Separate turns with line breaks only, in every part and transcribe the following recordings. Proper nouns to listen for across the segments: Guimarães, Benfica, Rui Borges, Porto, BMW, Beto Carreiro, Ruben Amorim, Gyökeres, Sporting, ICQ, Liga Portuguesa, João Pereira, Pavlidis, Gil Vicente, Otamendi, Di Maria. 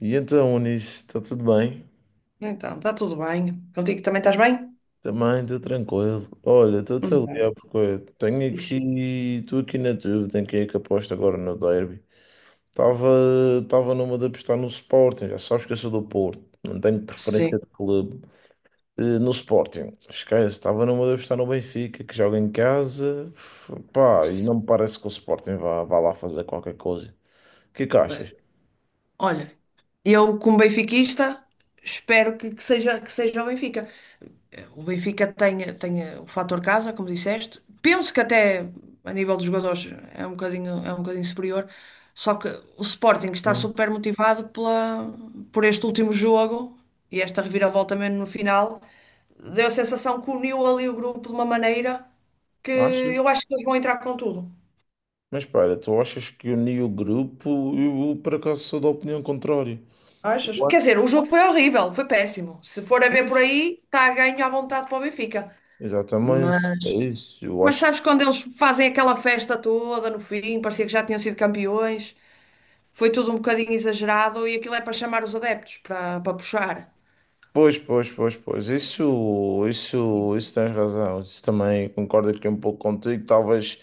E então, Unis, está tudo bem?
Então, está tudo bem. Contigo também estás bem?
Também estou tranquilo. Olha, estou-te a
Tudo
ligar
bem.
porque eu tenho aqui,
Fixe.
estou aqui na dúvida em quem é que aposta agora no derby. Estava numa de apostar no Sporting, já sabes que eu sou do Porto, não tenho preferência
Sim.
de clube. No Sporting, esquece, estava numa de apostar no Benfica, que joga em casa, pá, e não me parece que o Sporting vá lá fazer qualquer coisa. O que é que achas?
Olha, eu como benfiquista, espero que seja o Benfica. O Benfica tem o fator casa, como disseste. Penso que até a nível dos jogadores é um bocadinho superior. Só que o Sporting está
Hum.
super motivado por este último jogo e esta reviravolta mesmo no final. Deu a sensação que uniu ali o grupo de uma maneira que
Achas?
eu acho que eles vão entrar com tudo.
Mas espera, tu achas que uni o grupo? Eu, por acaso, sou da opinião contrária.
Achas?
Eu
Quer
acho.
dizer, o jogo foi horrível, foi péssimo. Se for a ver por
Pois.
aí, está a ganho à vontade para o Benfica.
Exatamente, é isso. Eu
Mas
acho que.
sabes, quando eles fazem aquela festa toda no fim, parecia que já tinham sido campeões, foi tudo um bocadinho exagerado e aquilo é para chamar os adeptos, para puxar.
Pois, pois, pois, pois. Isso tens razão. Isso também concordo aqui um pouco contigo. Talvez,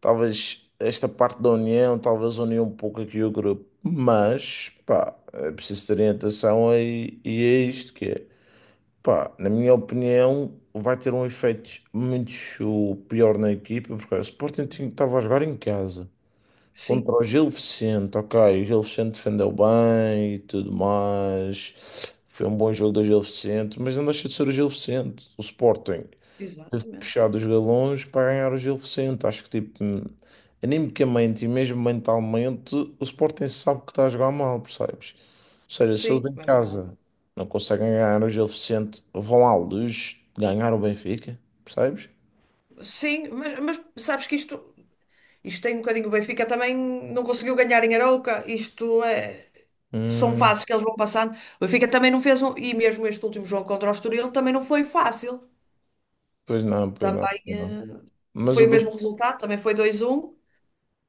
talvez esta parte da união, talvez unia um pouco aqui o grupo. Mas, pá, é preciso ter orientação e é isto que é. Pá, na minha opinião, vai ter um efeito muito pior na equipa, porque o Sporting estava a jogar em casa
Sim,
contra o Gil Vicente, ok. O Gil Vicente defendeu bem e tudo mais. Foi um bom jogo do Gil Vicente, mas não deixa de ser o Gil Vicente. O Sporting
exatamente.
puxado os galões para ganhar o Gil Vicente. Acho que, tipo, animicamente e mesmo mentalmente, o Sporting sabe que está a jogar mal, percebes? Seja, se eles
Sim,
em
é verdade.
casa não conseguem ganhar hoje o jogo suficiente, vão à luz ganhar o Benfica, percebes?
Sim, mas sabes que isto, tem um bocadinho, o Benfica também não conseguiu ganhar em Arouca. Isto é, são
Hum,
fases que eles vão passando. O Benfica também não fez um, e mesmo este último jogo contra o Estoril também não foi fácil.
pois não, pois não,
Também,
pois não. Mas o
foi o mesmo
Benfica,
resultado, também foi 2 um.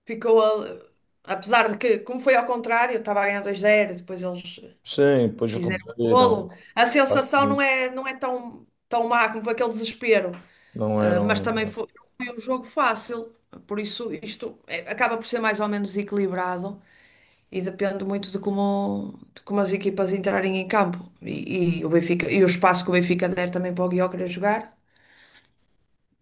Ficou ali- Apesar de que, como foi ao contrário, eu estava a ganhar 2 zero, depois eles
sim, pois
fizeram o
reduziram.
golo. A
Faz
sensação não
sentido.
é, não é tão má como foi aquele desespero.
Não é,
Ah,
não
mas
é,
também
não
foi, não foi um jogo fácil. Por isso, acaba por ser mais ou menos equilibrado e depende muito de como as equipas entrarem em campo, e o Benfica, e o espaço que o Benfica der também para o Gyökeres jogar.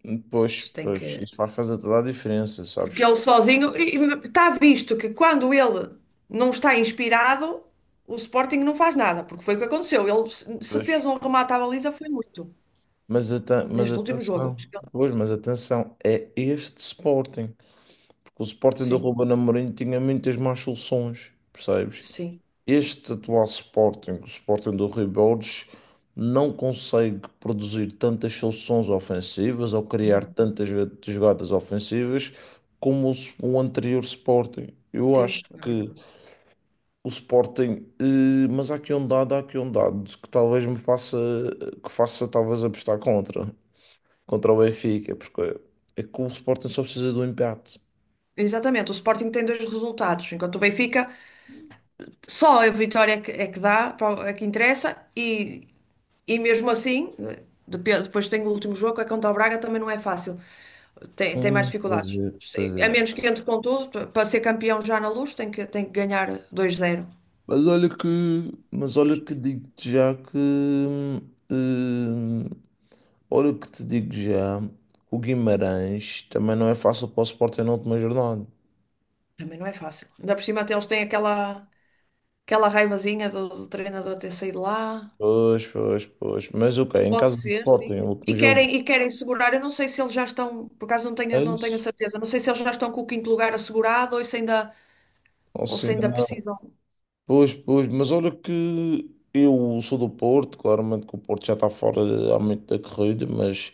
é. Pois,
Isto tem
pois,
que.
isso faz fazer toda a diferença,
Que
sabes?
ele sozinho e está visto que quando ele não está inspirado, o Sporting não faz nada, porque foi o que aconteceu. Ele, se
Pois,
fez um remate à baliza, foi muito
mas, mas
neste último jogo.
atenção, pois, mas atenção, é este Sporting. Porque o Sporting do
Sim,
Ruben Amorim tinha muitas más soluções, percebes?
sim,
Este atual Sporting, o Sporting do Rui Borges, não consegue produzir tantas soluções ofensivas ou criar
uhum,
tantas jogadas ofensivas como o anterior Sporting. Eu acho
sim, é
que
verdade.
o Sporting, mas há aqui um dado, há aqui um dado que talvez que faça talvez apostar contra o Benfica, porque é que o Sporting só precisa do empate.
Exatamente, o Sporting tem dois resultados, enquanto o Benfica só a vitória é que dá, é que interessa, e mesmo assim, depois tem o último jogo, é contra o Braga, também não é fácil, tem mais
Pois
dificuldades.
é, pois
A
é.
menos que entre com tudo, para ser campeão já na Luz, tem que ganhar 2-0.
Mas olha que, mas olha que digo-te já que, hum, olha que te digo já, que o Guimarães também não é fácil para o Sporting na última jornada.
Também não é fácil. Ainda por cima, até eles têm aquela, raivazinha do, treinador ter saído lá.
Pois, pois, pois. Mas ok, em
Pode
casa do
ser, sim.
Sporting, o último
E
jogo,
querem, e querem segurar, eu não sei se eles já estão, por acaso não tenho,
é
a
isso?
certeza, não sei se eles já estão com o quinto lugar assegurado ou se ainda,
Não se ainda não.
precisam.
Pois, pois, mas olha que eu sou do Porto, claramente que o Porto já está fora há muito da corrida, mas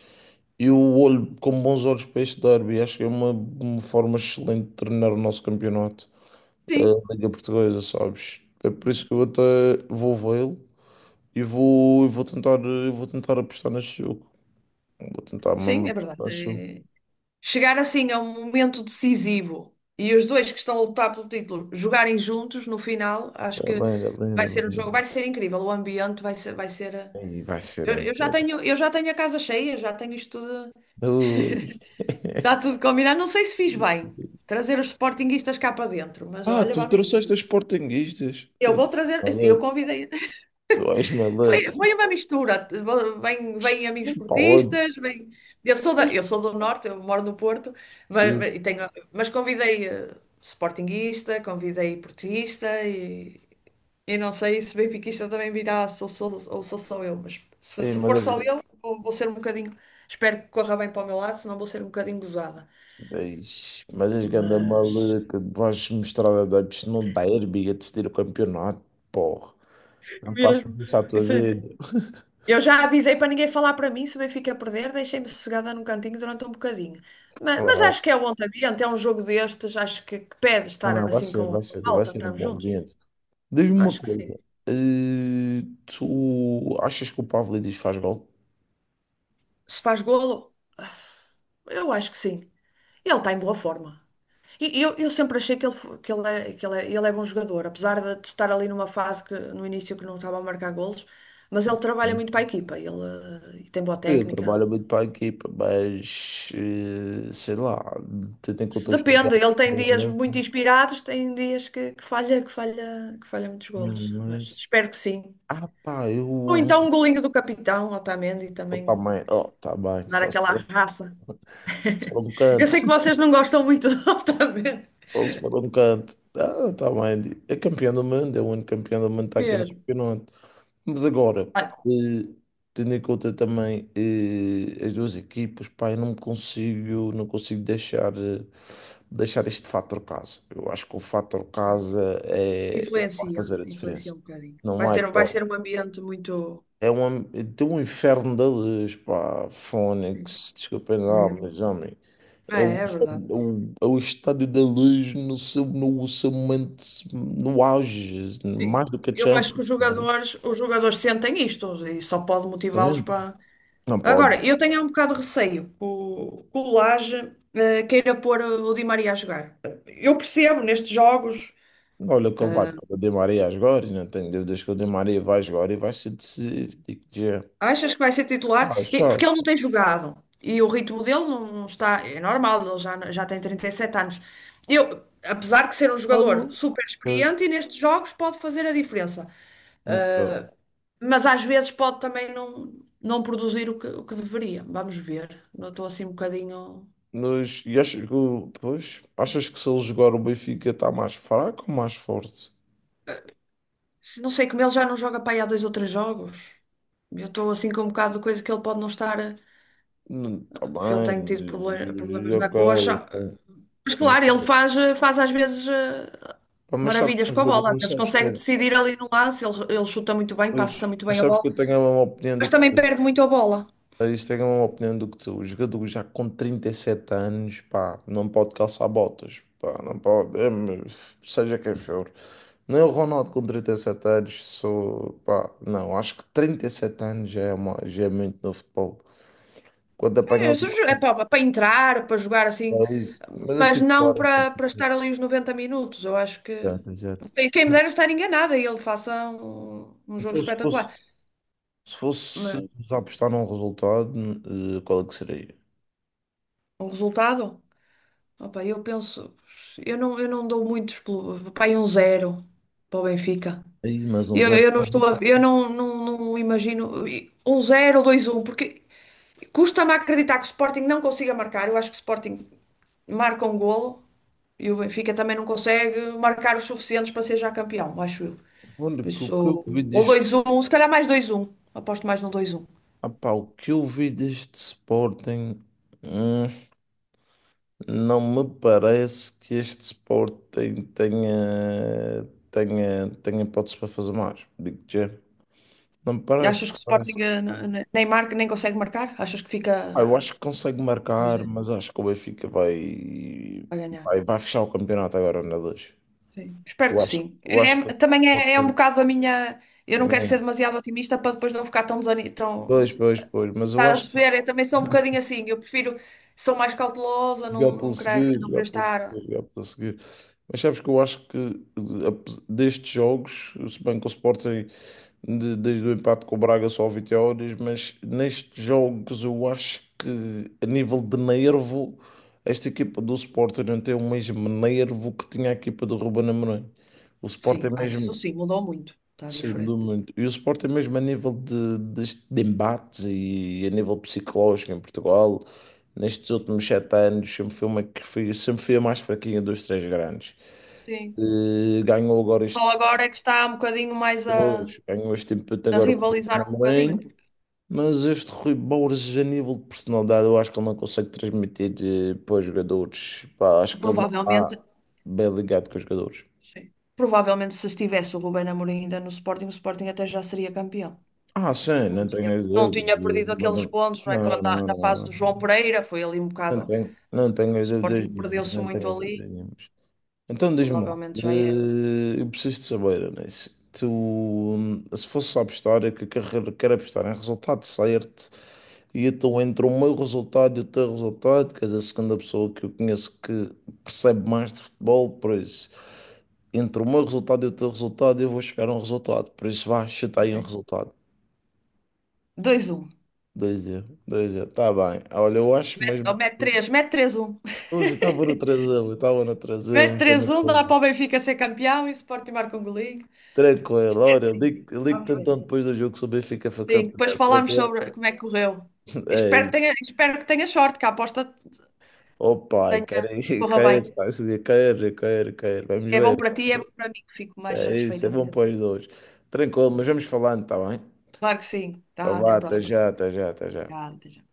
eu olho com bons olhos para este derby, acho que é uma forma excelente de terminar o nosso campeonato.
Sim,
A Liga Portuguesa, sabes? É por isso que eu até vou vê-lo e vou tentar apostar nesse jogo. Vou tentar mesmo
sim, é verdade.
apostar nesse jogo.
Chegar assim a um momento decisivo e os dois que estão a lutar pelo título jogarem juntos no final, acho
É
que
linda,
vai
linda,
ser um jogo, vai
linda.
ser incrível. O ambiente vai ser.
E vai ser
Eu, eu já
incrível.
tenho, eu já tenho a casa cheia, já tenho isto tudo,
Ui.
está tudo combinado. Não sei se fiz bem trazer os sportinguistas cá para dentro, mas
Ah,
olha,
tu
vamos ver.
trouxeste as sportinguistas. Tu,
Eu
tu
vou
és
trazer, eu
maluco.
convidei.
Tu és maluco.
Foi, foi uma mistura. Vêm amigos
Para onde?
portistas, vêm... Eu sou do Norte, eu moro no Porto, mas,
Sim.
mas, e tenho, mas convidei, sportinguista, convidei portista, e não sei se benfiquista também virá, ou sou só eu, mas se,
Ei,
se
mas
for
és,
só eu, vou ser um bocadinho. Espero que corra bem para o meu lado, senão vou ser um bocadinho gozada.
Eish, mas és ganda
Mas
maluca. Vais mostrar a Debs. Não dá hérbiga de decidir o campeonato. Porra, não faças
mesmo.
isso à tua
Isso é-
vida.
Eu já avisei para ninguém falar para mim, se o Benfica perder, deixei-me sossegada num cantinho durante um bocadinho. Mas,
Claro.
acho que é um ambiente, é um jogo destes, acho que pede
Não,
estar
não, vai
assim
ser,
com
vai ser,
a
vai
malta,
ser um
estamos
bom
juntos.
ambiente. Diz-me uma
Acho que sim.
coisa, tu achas que o Pavlidis faz gol?
Se faz golo, eu acho que sim. Ele está em boa forma. E eu sempre achei ele é bom jogador, apesar de estar ali numa fase que no início que não estava a marcar golos, mas ele trabalha muito para a equipa, e tem boa
Ele
técnica.
trabalha muito para a equipa, mas sei lá, tendo em
Se
conta os
Depende, ele tem dias
problemas,
muito inspirados, tem dias que falha muitos golos, mas
mas
espero que sim.
ah pá, eu
Ou então um golinho do capitão Otamendi também
oh, tá bem,
dar
só se
aquela
for,
raça.
só se for um
Eu
canto,
sei que vocês não gostam muito do Otamendi
só se for um canto, ah, tá bem, é campeão do mundo, é o único campeão do mundo que está aqui no
mesmo.
campeonato. Mas agora,
Ah,
eh, tendo em conta também as duas equipas, pá, eu não me consigo, não consigo deixar este fator casa. Eu acho que o fator
sim.
casa é o que vai
Influencia,
fazer a diferença.
influencia um bocadinho.
Não há
Vai
hipótese.
ser um ambiente muito.
É um, tem um inferno da luz, pá,
Sim,
Fónix, desculpem lá,
mesmo.
mas homem,
Ah,
é o,
é verdade.
é o estádio da luz no seu, momento, no auge, mais
Sim.
do que a
Eu acho que
Champions,
os
né?
jogadores, os jogadores sentem isto e só pode motivá-los
Entende?
para.
Não pode.
Agora, eu tenho um bocado de receio que o, Laje queira pôr o Di Maria a jogar. Eu percebo nestes jogos,
Olha que ele vai
eh,
para o Di Maria a jogar, e não tenho dúvidas que o Di Maria vai jogar e vai ser decisivo. Digo-te já.
achas que vai ser
Ah,
titular? Porque
achas?
ele não tem jogado e o ritmo dele não está. É normal, ele já tem 37 anos. Eu, apesar de ser um jogador
Algo?
super
Pois,
experiente e nestes jogos pode fazer a diferença,
nunca.
mas às vezes pode também não produzir o que deveria. Vamos ver. Não estou assim um bocadinho.
Mas, e achas que, pois, achas que se ele jogar o Benfica está mais fraco ou mais forte?
Não sei, como ele já não joga para aí há dois ou três jogos. Eu estou assim com um bocado de coisa que ele pode não estar,
Não, está
porque ele
bem,
tem tido proble-
mas,
problemas na
ok,
coxa.
ok.
Mas
Não,
claro, ele
ok.
faz às vezes,
Pá, mas sabes que
maravilhas
é um
com a
jogador,
bola. Às
mas
vezes
sabes que
consegue
é.
decidir ali no lance. Ele chuta muito bem,
Pois,
passa muito
mas
bem a
sabes
bola.
que eu tenho a mesma opinião
Mas
do que
também
tu.
perde muito a bola.
Ah, isto é uma opinião do que tu, o jogador já com 37 anos, pá, não pode calçar botas, pá, não pode, é, mas seja quem for. Nem o Ronaldo com 37 anos, sou, pá, não, acho que 37 anos já é muito no futebol. Quando
É,
apanhas
se jo- é para entrar, para jogar assim.
o país, mas a
Mas não
titular
para estar ali os 90 minutos. Eu acho que.
já, já.
E quem me dera estar enganada e ele faça um jogo
Então, se fosse,
espetacular.
se fosse
Mas
apostar num resultado, qual é que seria?
um resultado. Opa, eu penso, eu não dou muitos, aí 1-0 para o Benfica.
Aí, mas um
Eu,
zero.
eu não estou a, eu não, não, não imagino, e um zero, dois, um, porque custa-me acreditar que o Sporting não consiga marcar. Eu acho que o Sporting marca um golo e o Benfica também não consegue marcar os suficientes para ser já campeão, acho eu.
Olha,
Por
que o que eu
isso,
vi
ou 2-1, se calhar mais 2-1. Aposto mais no 2-1.
Ah pá, o que eu vi deste Sporting, hum, não me parece que este Sporting tenha hipótese para fazer mais. Digo-te já. Não me parece,
Achas que o
não me parece.
Sporting, nem marca, nem consegue marcar? Achas que fica,
Ah, eu acho que consegue
pois
marcar,
é,
mas acho que o Benfica vai,
a ganhar?
vai fechar o campeonato agora na 2.
Sim, espero
Eu
que
acho,
sim.
eu acho que o
Também é um
Sporting.
bocado a minha. Eu não quero ser
É.
demasiado otimista para depois não ficar tão desanimada. Tão...
Pois, pois, pois, mas eu
Estás a
acho que.
perceber? Eu também sou um bocadinho assim. Eu prefiro. Sou mais cautelosa, não,
Jogar pelo
não querer,
seguro,
não
jogar
querer
pelo seguro,
estar.
jogar pelo seguro. Mas sabes que eu acho que destes jogos, se bem que o Sporting desde o empate com o Braga só 20 horas, mas nestes jogos eu acho que a nível de nervo, esta equipa do Sporting não tem o mesmo nervo que tinha a equipa do Ruben Amorim. O Sporting
Sim,
é
ah, isso
mesmo.
sim, mudou muito. Está
Sim, mudou
diferente.
muito. E o Sport é mesmo a nível de, embates e a nível psicológico em Portugal, nestes
Sim.
últimos 7 anos, sempre foi a mais fraquinha dos três grandes.
Sim.
Eh, ganhou agora
Só
este,
agora é que está um bocadinho mais a,
pois, ganhou este empate
a
agora com o Ruben
rivalizar um bocadinho,
Amorim,
porque
mas este Rui Borges, a nível de personalidade, eu acho que ele não consegue transmitir para os jogadores. Pá, acho que ele não está
provavelmente.
bem ligado com os jogadores.
Sim. Provavelmente, se estivesse o Ruben Amorim ainda no Sporting, o Sporting até já seria campeão.
Ah, sim,
Não
não
tinha,
tenho
não
dúvidas.
tinha perdido aqueles pontos, não é? Quando
Não,
na,
não,
na
não,
fase
não.
do João Pereira foi ali um
Não
bocado. O
tenho, não tenho as dúvidas
Sporting
nenhumas,
perdeu-se
não tenho
muito
as
ali,
dúvidas nenhumas. Então diz-me lá,
provavelmente já era.
eu preciso de saber, Anís, tu, se fosse a apostar, é que eu quero apostar em resultado certo, e então entre o meu resultado e o teu resultado, que és a segunda pessoa que eu conheço que percebe mais de futebol, por isso, entre o meu resultado e o teu resultado, eu vou chegar a um resultado, por isso vá, chuta
Ok.
aí um resultado.
2-1.
2-0, 2-0, tá bem. Olha, eu acho
Mete, oh,
mesmo.
mete 3, mete 3-1
Hoje estava no trasão, eu estava no trasão,
Mete
estava no
3-1, dá
trasão.
para o Benfica ser campeão e o Sporting marca um golinho.
Tranquilo,
É
olha,
assim.
ligo-te
Vamos
então
ver.
depois do jogo se o Benfica for
Sim, depois
campeão,
falámos
tranquilo?
sobre como é que correu.
É
Espero que
isso.
tenha, espero que tenha sorte, que a aposta
Oh pai, quero ir,
corra
quero,
bem.
pá, esse dia quero, quero, quero, vamos
É bom
ver.
para ti, é bom para mim, que fico mais
É isso, é
satisfeita,
bom
também.
para os dois. Tranquilo, mas vamos falando, está bem?
Claro que sim.
Então
Tá, até
vá,
à
até
próxima.
já, até já, até já.
Obrigada, até já.